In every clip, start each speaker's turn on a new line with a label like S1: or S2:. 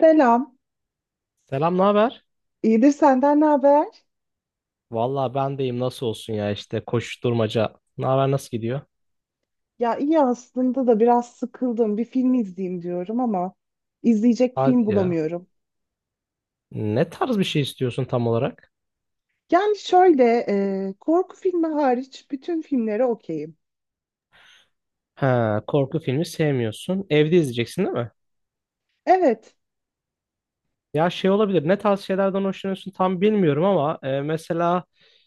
S1: Selam.
S2: Selam, ne haber?
S1: İyidir, senden ne haber?
S2: Vallahi ben deyim nasıl olsun ya işte koşuşturmaca. Ne haber nasıl gidiyor?
S1: Ya iyi aslında da biraz sıkıldım. Bir film izleyeyim diyorum ama izleyecek film
S2: Hadi ya.
S1: bulamıyorum.
S2: Ne tarz bir şey istiyorsun tam olarak?
S1: Yani şöyle Korku filmi hariç bütün filmlere okeyim.
S2: Ha, korku filmi sevmiyorsun. Evde izleyeceksin değil mi?
S1: Evet.
S2: Ya şey olabilir. Ne tarz şeylerden hoşlanıyorsun tam bilmiyorum ama mesela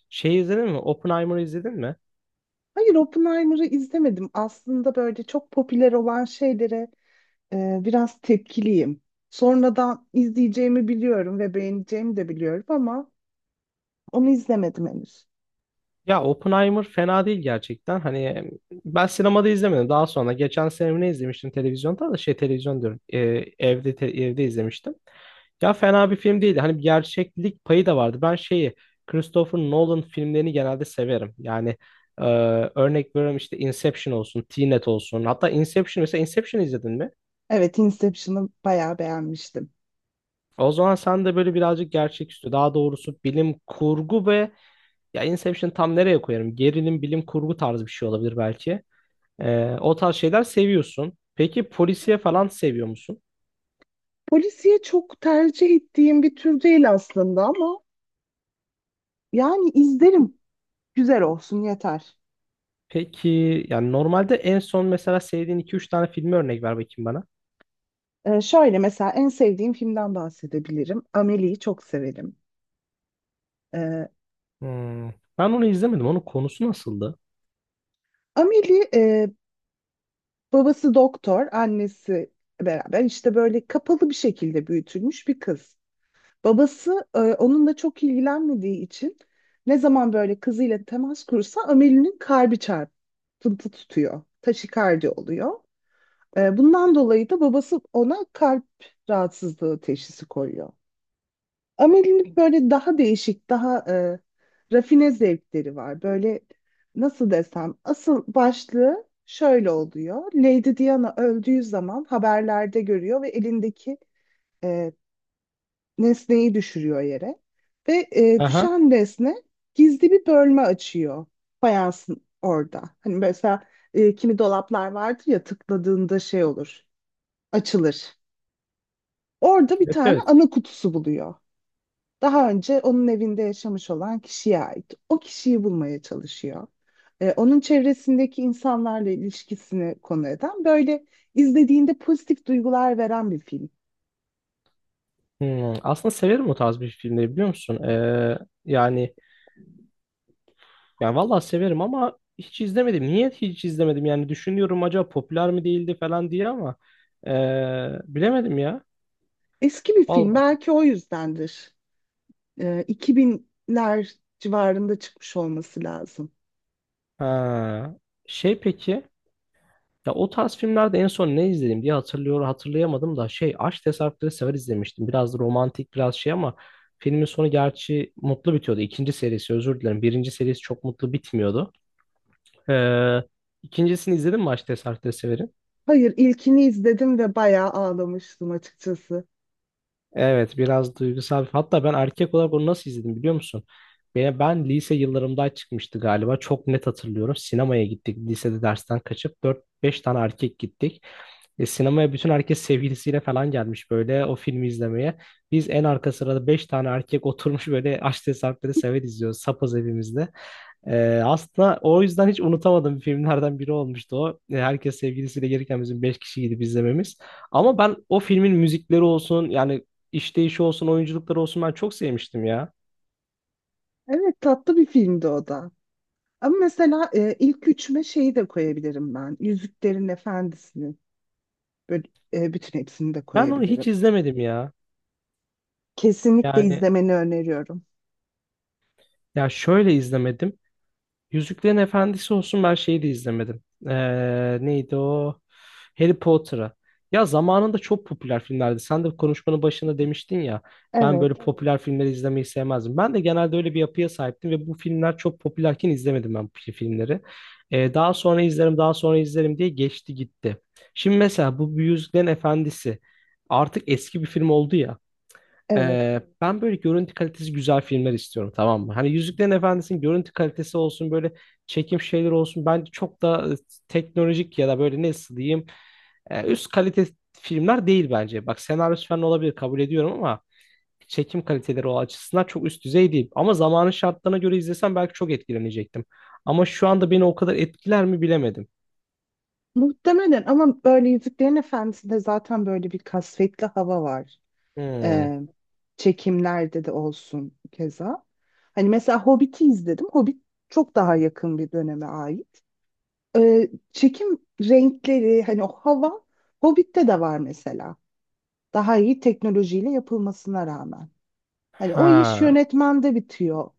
S2: şey izledin mi? Oppenheimer'ı izledin mi?
S1: Hayır, Oppenheimer'ı izlemedim. Aslında böyle çok popüler olan şeylere biraz tepkiliyim. Sonradan izleyeceğimi biliyorum ve beğeneceğimi de biliyorum ama onu izlemedim henüz.
S2: Ya Oppenheimer fena değil gerçekten. Hani ben sinemada izlemedim. Daha sonra geçen sene mi ne izlemiştim televizyonda da şey televizyon diyorum. Evde evde izlemiştim. Ya fena bir film değildi. Hani bir gerçeklik payı da vardı. Ben şeyi Christopher Nolan filmlerini genelde severim. Yani e, örnek veriyorum işte Inception olsun, Tenet olsun. Hatta Inception mesela Inception izledin mi?
S1: Evet, Inception'ı bayağı beğenmiştim.
S2: O zaman sen de böyle birazcık gerçeküstü, daha doğrusu bilim kurgu ve ya Inception tam nereye koyarım? Gerilim, bilim kurgu tarzı bir şey olabilir belki. O tarz şeyler seviyorsun. Peki polisiye falan seviyor musun?
S1: Polisiye çok tercih ettiğim bir tür değil aslında ama yani izlerim. Güzel olsun yeter.
S2: Peki yani normalde en son mesela sevdiğin iki üç tane filmi örnek ver bakayım bana.
S1: Şöyle, mesela en sevdiğim filmden bahsedebilirim. Amelie'yi çok severim. Ee,
S2: Hmm. Ben onu izlemedim. Onun konusu nasıldı?
S1: Amelie, babası doktor, annesi beraber işte böyle kapalı bir şekilde büyütülmüş bir kız. Babası onunla çok ilgilenmediği için ne zaman böyle kızıyla temas kursa Amelie'nin kalbi çarpıntı tutuyor. Taşikardi oluyor. Bundan dolayı da babası ona kalp rahatsızlığı teşhisi koyuyor. Amelie'nin böyle daha değişik, daha rafine zevkleri var. Böyle nasıl desem, asıl başlığı şöyle oluyor. Lady Diana öldüğü zaman haberlerde görüyor ve elindeki e, nesneyi düşürüyor yere. Ve
S2: Aha.
S1: düşen nesne gizli bir bölme açıyor fayansın orada. Hani mesela kimi dolaplar vardır ya, tıkladığında şey olur, açılır. Orada bir
S2: Evet,
S1: tane
S2: evet.
S1: ana kutusu buluyor. Daha önce onun evinde yaşamış olan kişiye ait. O kişiyi bulmaya çalışıyor. Onun çevresindeki insanlarla ilişkisini konu eden, böyle izlediğinde pozitif duygular veren bir film.
S2: Hmm, aslında severim o tarz bir filmleri biliyor musun? Yani vallahi severim ama hiç izlemedim. Niye hiç izlemedim? Yani düşünüyorum acaba popüler mi değildi falan diye ama bilemedim ya.
S1: Eski bir film,
S2: Vallahi.
S1: belki o yüzdendir. 2000'ler civarında çıkmış olması lazım.
S2: Ha. Şey peki, ya o tarz filmlerde en son ne izledim diye hatırlayamadım da şey Aşk Tesadüfleri Sever izlemiştim. Biraz da romantik biraz şey ama filmin sonu gerçi mutlu bitiyordu. İkinci serisi özür dilerim. Birinci serisi çok mutlu bitmiyordu. Ee, ikincisini izledin mi Aşk Tesadüfleri Sever'in?
S1: Hayır, ilkini izledim ve bayağı ağlamıştım açıkçası.
S2: Evet, biraz duygusal. Hatta ben erkek olarak onu nasıl izledim biliyor musun? Ben lise yıllarımda çıkmıştı galiba. Çok net hatırlıyorum. Sinemaya gittik. Lisede dersten kaçıp dört beş tane erkek gittik. Sinemaya bütün herkes sevgilisiyle falan gelmiş böyle o filmi izlemeye. Biz en arka sırada beş tane erkek oturmuş böyle Aşk Sarpları Sever izliyoruz sapız evimizde. Aslında o yüzden hiç unutamadığım filmlerden biri olmuştu o. Herkes sevgilisiyle gelirken bizim 5 kişi gidip izlememiz. Ama ben o filmin müzikleri olsun yani işleyişi olsun oyunculukları olsun ben çok sevmiştim ya.
S1: Evet, tatlı bir filmdi o da. Ama mesela, ilk üçüme şeyi de koyabilirim ben. Yüzüklerin Efendisi'ni. Böyle, Bütün hepsini de
S2: Ben onu hiç
S1: koyabilirim.
S2: izlemedim ya.
S1: Kesinlikle
S2: Yani
S1: izlemeni öneriyorum.
S2: ya şöyle izlemedim. Yüzüklerin Efendisi olsun ben şeyi de izlemedim. Neydi o? Harry Potter'ı. Ya zamanında çok popüler filmlerdi. Sen de konuşmanın başında demiştin ya. Ben
S1: Evet,
S2: böyle popüler filmleri izlemeyi sevmezdim. Ben de genelde öyle bir yapıya sahiptim ve bu filmler çok popülerken izlemedim ben bu filmleri. Daha sonra izlerim, daha sonra izlerim diye geçti gitti. Şimdi mesela bu Yüzüklerin Efendisi artık eski bir film oldu ya.
S1: evet.
S2: Ben böyle görüntü kalitesi güzel filmler istiyorum, tamam mı? Hani Yüzüklerin Efendisi'nin görüntü kalitesi olsun böyle çekim şeyler olsun. Bence çok da teknolojik ya da böyle nasıl diyeyim üst kalite filmler değil bence. Bak senaryosu falan olabilir kabul ediyorum ama çekim kaliteleri o açısından çok üst düzey değil. Ama zamanın şartlarına göre izlesem belki çok etkilenecektim. Ama şu anda beni o kadar etkiler mi bilemedim.
S1: Muhtemelen, ama böyle Yüzüklerin Efendisi'nde zaten böyle bir kasvetli hava var.
S2: Hmm.
S1: E, Çekimlerde de olsun keza. Hani mesela Hobbit'i izledim. Hobbit çok daha yakın bir döneme ait. Çekim renkleri, hani o hava Hobbit'te de var mesela. Daha iyi teknolojiyle yapılmasına rağmen. Hani o iş
S2: Ha.
S1: yönetmende bitiyor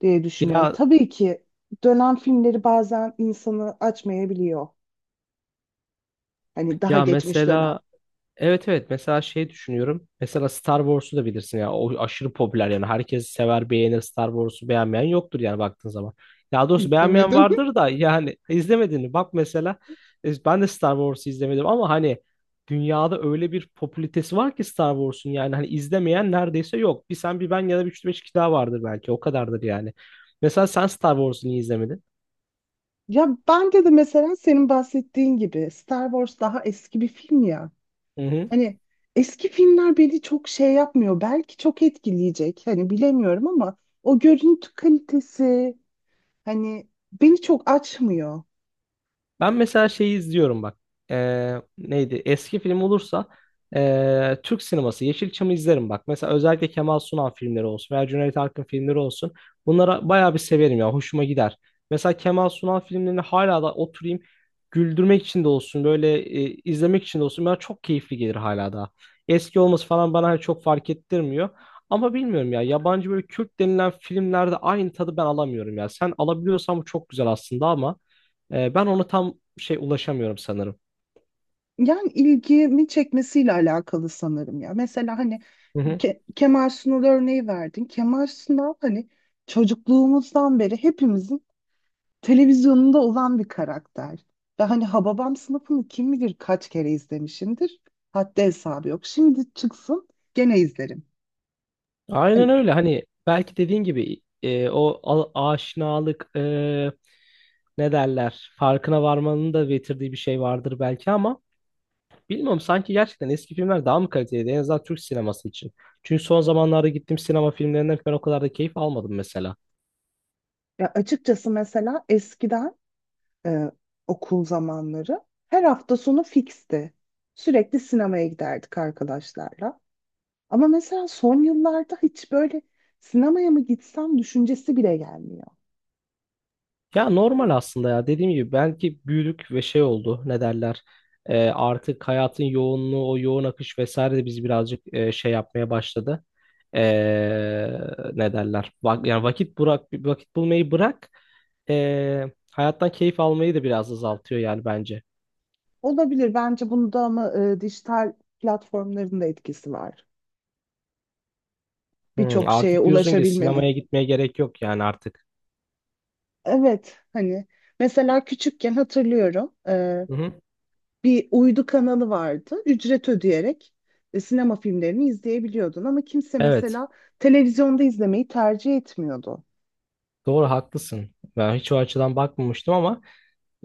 S1: diye
S2: Bir
S1: düşünüyorum.
S2: daha
S1: Tabii ki dönen filmleri bazen insanı açmayabiliyor. Hani daha
S2: ya
S1: geçmiş dönem.
S2: mesela, evet, evet mesela şey düşünüyorum. Mesela Star Wars'u da bilirsin ya. O aşırı popüler yani. Herkes sever beğenir, Star Wars'u beğenmeyen yoktur yani baktığın zaman. Ya doğrusu beğenmeyen
S1: İzlemedim.
S2: vardır da yani izlemediğini bak mesela, ben de Star Wars'u izlemedim ama hani dünyada öyle bir popülitesi var ki Star Wars'un, yani hani izlemeyen neredeyse yok. Bir sen bir ben ya da bir üç beş kişi daha vardır belki, o kadardır yani. Mesela sen Star Wars'u niye izlemedin?
S1: Ya bence de, mesela senin bahsettiğin gibi Star Wars daha eski bir film ya. Hani eski filmler beni çok şey yapmıyor. Belki çok etkileyecek, hani bilemiyorum ama o görüntü kalitesi hani beni çok açmıyor.
S2: Ben mesela şeyi izliyorum bak. Neydi? Eski film olursa Türk sineması Yeşilçam'ı izlerim bak. Mesela özellikle Kemal Sunal filmleri olsun veya Cüneyt Arkın filmleri olsun. Bunlara bayağı bir severim ya. Hoşuma gider. Mesela Kemal Sunal filmlerini hala da oturayım güldürmek için de olsun böyle izlemek için de olsun bana çok keyifli gelir hala da. Eski olması falan bana hani çok fark ettirmiyor. Ama bilmiyorum ya, yabancı böyle Kürt denilen filmlerde aynı tadı ben alamıyorum ya. Sen alabiliyorsan bu çok güzel aslında ama ben ona tam şey ulaşamıyorum sanırım.
S1: Yani ilgimi çekmesiyle alakalı sanırım ya. Mesela hani
S2: Hı hı.
S1: Kemal Sunal örneği verdin. Kemal Sunal hani çocukluğumuzdan beri hepimizin televizyonunda olan bir karakter. Ve hani Hababam sınıfını kim bilir kaç kere izlemişimdir. Haddi hesabı yok. Şimdi çıksın gene izlerim.
S2: Aynen
S1: Hani
S2: öyle. Hani belki dediğin gibi o aşinalık, ne derler, farkına varmanın da getirdiği bir şey vardır belki ama bilmiyorum, sanki gerçekten eski filmler daha mı kaliteliydi en azından Türk sineması için. Çünkü son zamanlarda gittiğim sinema filmlerinden ben o kadar da keyif almadım mesela.
S1: Ya açıkçası, mesela eskiden, e, okul zamanları, her hafta sonu fiksti. Sürekli sinemaya giderdik arkadaşlarla. Ama mesela son yıllarda hiç böyle sinemaya mı gitsem düşüncesi bile gelmiyor.
S2: Ya normal aslında ya, dediğim gibi belki büyüdük ve şey oldu, ne derler, artık hayatın yoğunluğu, o yoğun akış vesaire de bizi birazcık şey yapmaya başladı. Ee, Ne derler, yani vakit bırak, vakit bulmayı bırak, ee, hayattan keyif almayı da biraz azaltıyor yani bence.
S1: Olabilir, bence bunda ama dijital platformların da etkisi var. Birçok şeye
S2: Artık diyorsun ki
S1: ulaşabilmenin.
S2: sinemaya gitmeye gerek yok yani artık.
S1: Evet, hani mesela küçükken hatırlıyorum,
S2: Hı hı.
S1: bir uydu kanalı vardı, ücret ödeyerek sinema filmlerini izleyebiliyordun ama kimse
S2: Evet,
S1: mesela televizyonda izlemeyi tercih etmiyordu.
S2: doğru, haklısın, ben hiç o açıdan bakmamıştım ama.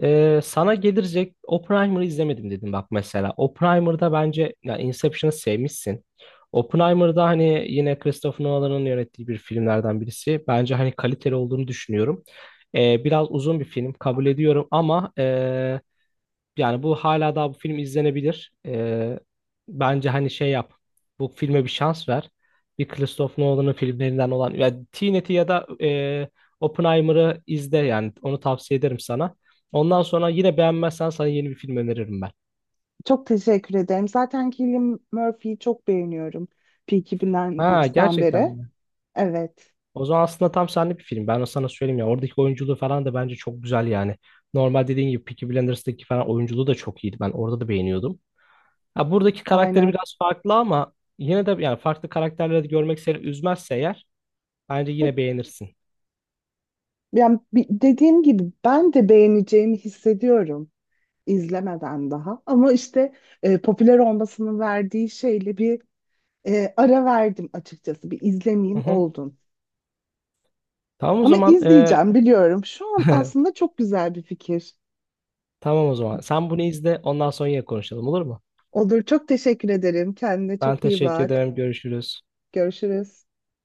S2: Sana gelecek, Oppenheimer'ı izlemedim dedim bak mesela. Oppenheimer'da bence ya, Inception'ı sevmişsin. Oppenheimer'da hani yine Christopher Nolan'ın yönettiği bir filmlerden birisi. Bence hani kaliteli olduğunu düşünüyorum. Biraz uzun bir film kabul ediyorum ama yani bu hala daha bu film izlenebilir. Bence hani şey yap. Bu filme bir şans ver. Bir Christopher Nolan'ın filmlerinden olan yani Tenet'i ya da Oppenheimer'ı izle, yani onu tavsiye ederim sana. Ondan sonra yine beğenmezsen sana yeni bir film öneririm ben.
S1: Çok teşekkür ederim. Zaten Cillian Murphy'yi çok beğeniyorum Peaky
S2: Ha,
S1: Blinders'tan
S2: gerçekten
S1: beri.
S2: mi?
S1: Evet,
S2: O zaman aslında tam senlik bir film. Ben de sana söyleyeyim ya, oradaki oyunculuğu falan da bence çok güzel yani. Normal dediğin gibi Peaky Blinders'daki falan oyunculuğu da çok iyiydi. Ben orada da beğeniyordum. Ha, buradaki karakteri
S1: aynen.
S2: biraz farklı ama yine de yani farklı karakterleri de görmek seni üzmezse eğer bence yine beğenirsin.
S1: Yani dediğim gibi ben de beğeneceğimi hissediyorum izlemeden daha, ama işte popüler olmasının verdiği şeyle bir ara verdim açıkçası. Bir
S2: Hı
S1: izlemeyeyim
S2: hı.
S1: oldum.
S2: Tamam o
S1: Ama
S2: zaman,
S1: izleyeceğim, biliyorum. Şu an aslında çok güzel bir fikir.
S2: tamam o zaman. Sen bunu izle, ondan sonra yine konuşalım olur mu?
S1: Olur, çok teşekkür ederim. Kendine
S2: Ben
S1: çok iyi
S2: teşekkür
S1: bak.
S2: ederim. Görüşürüz.
S1: Görüşürüz.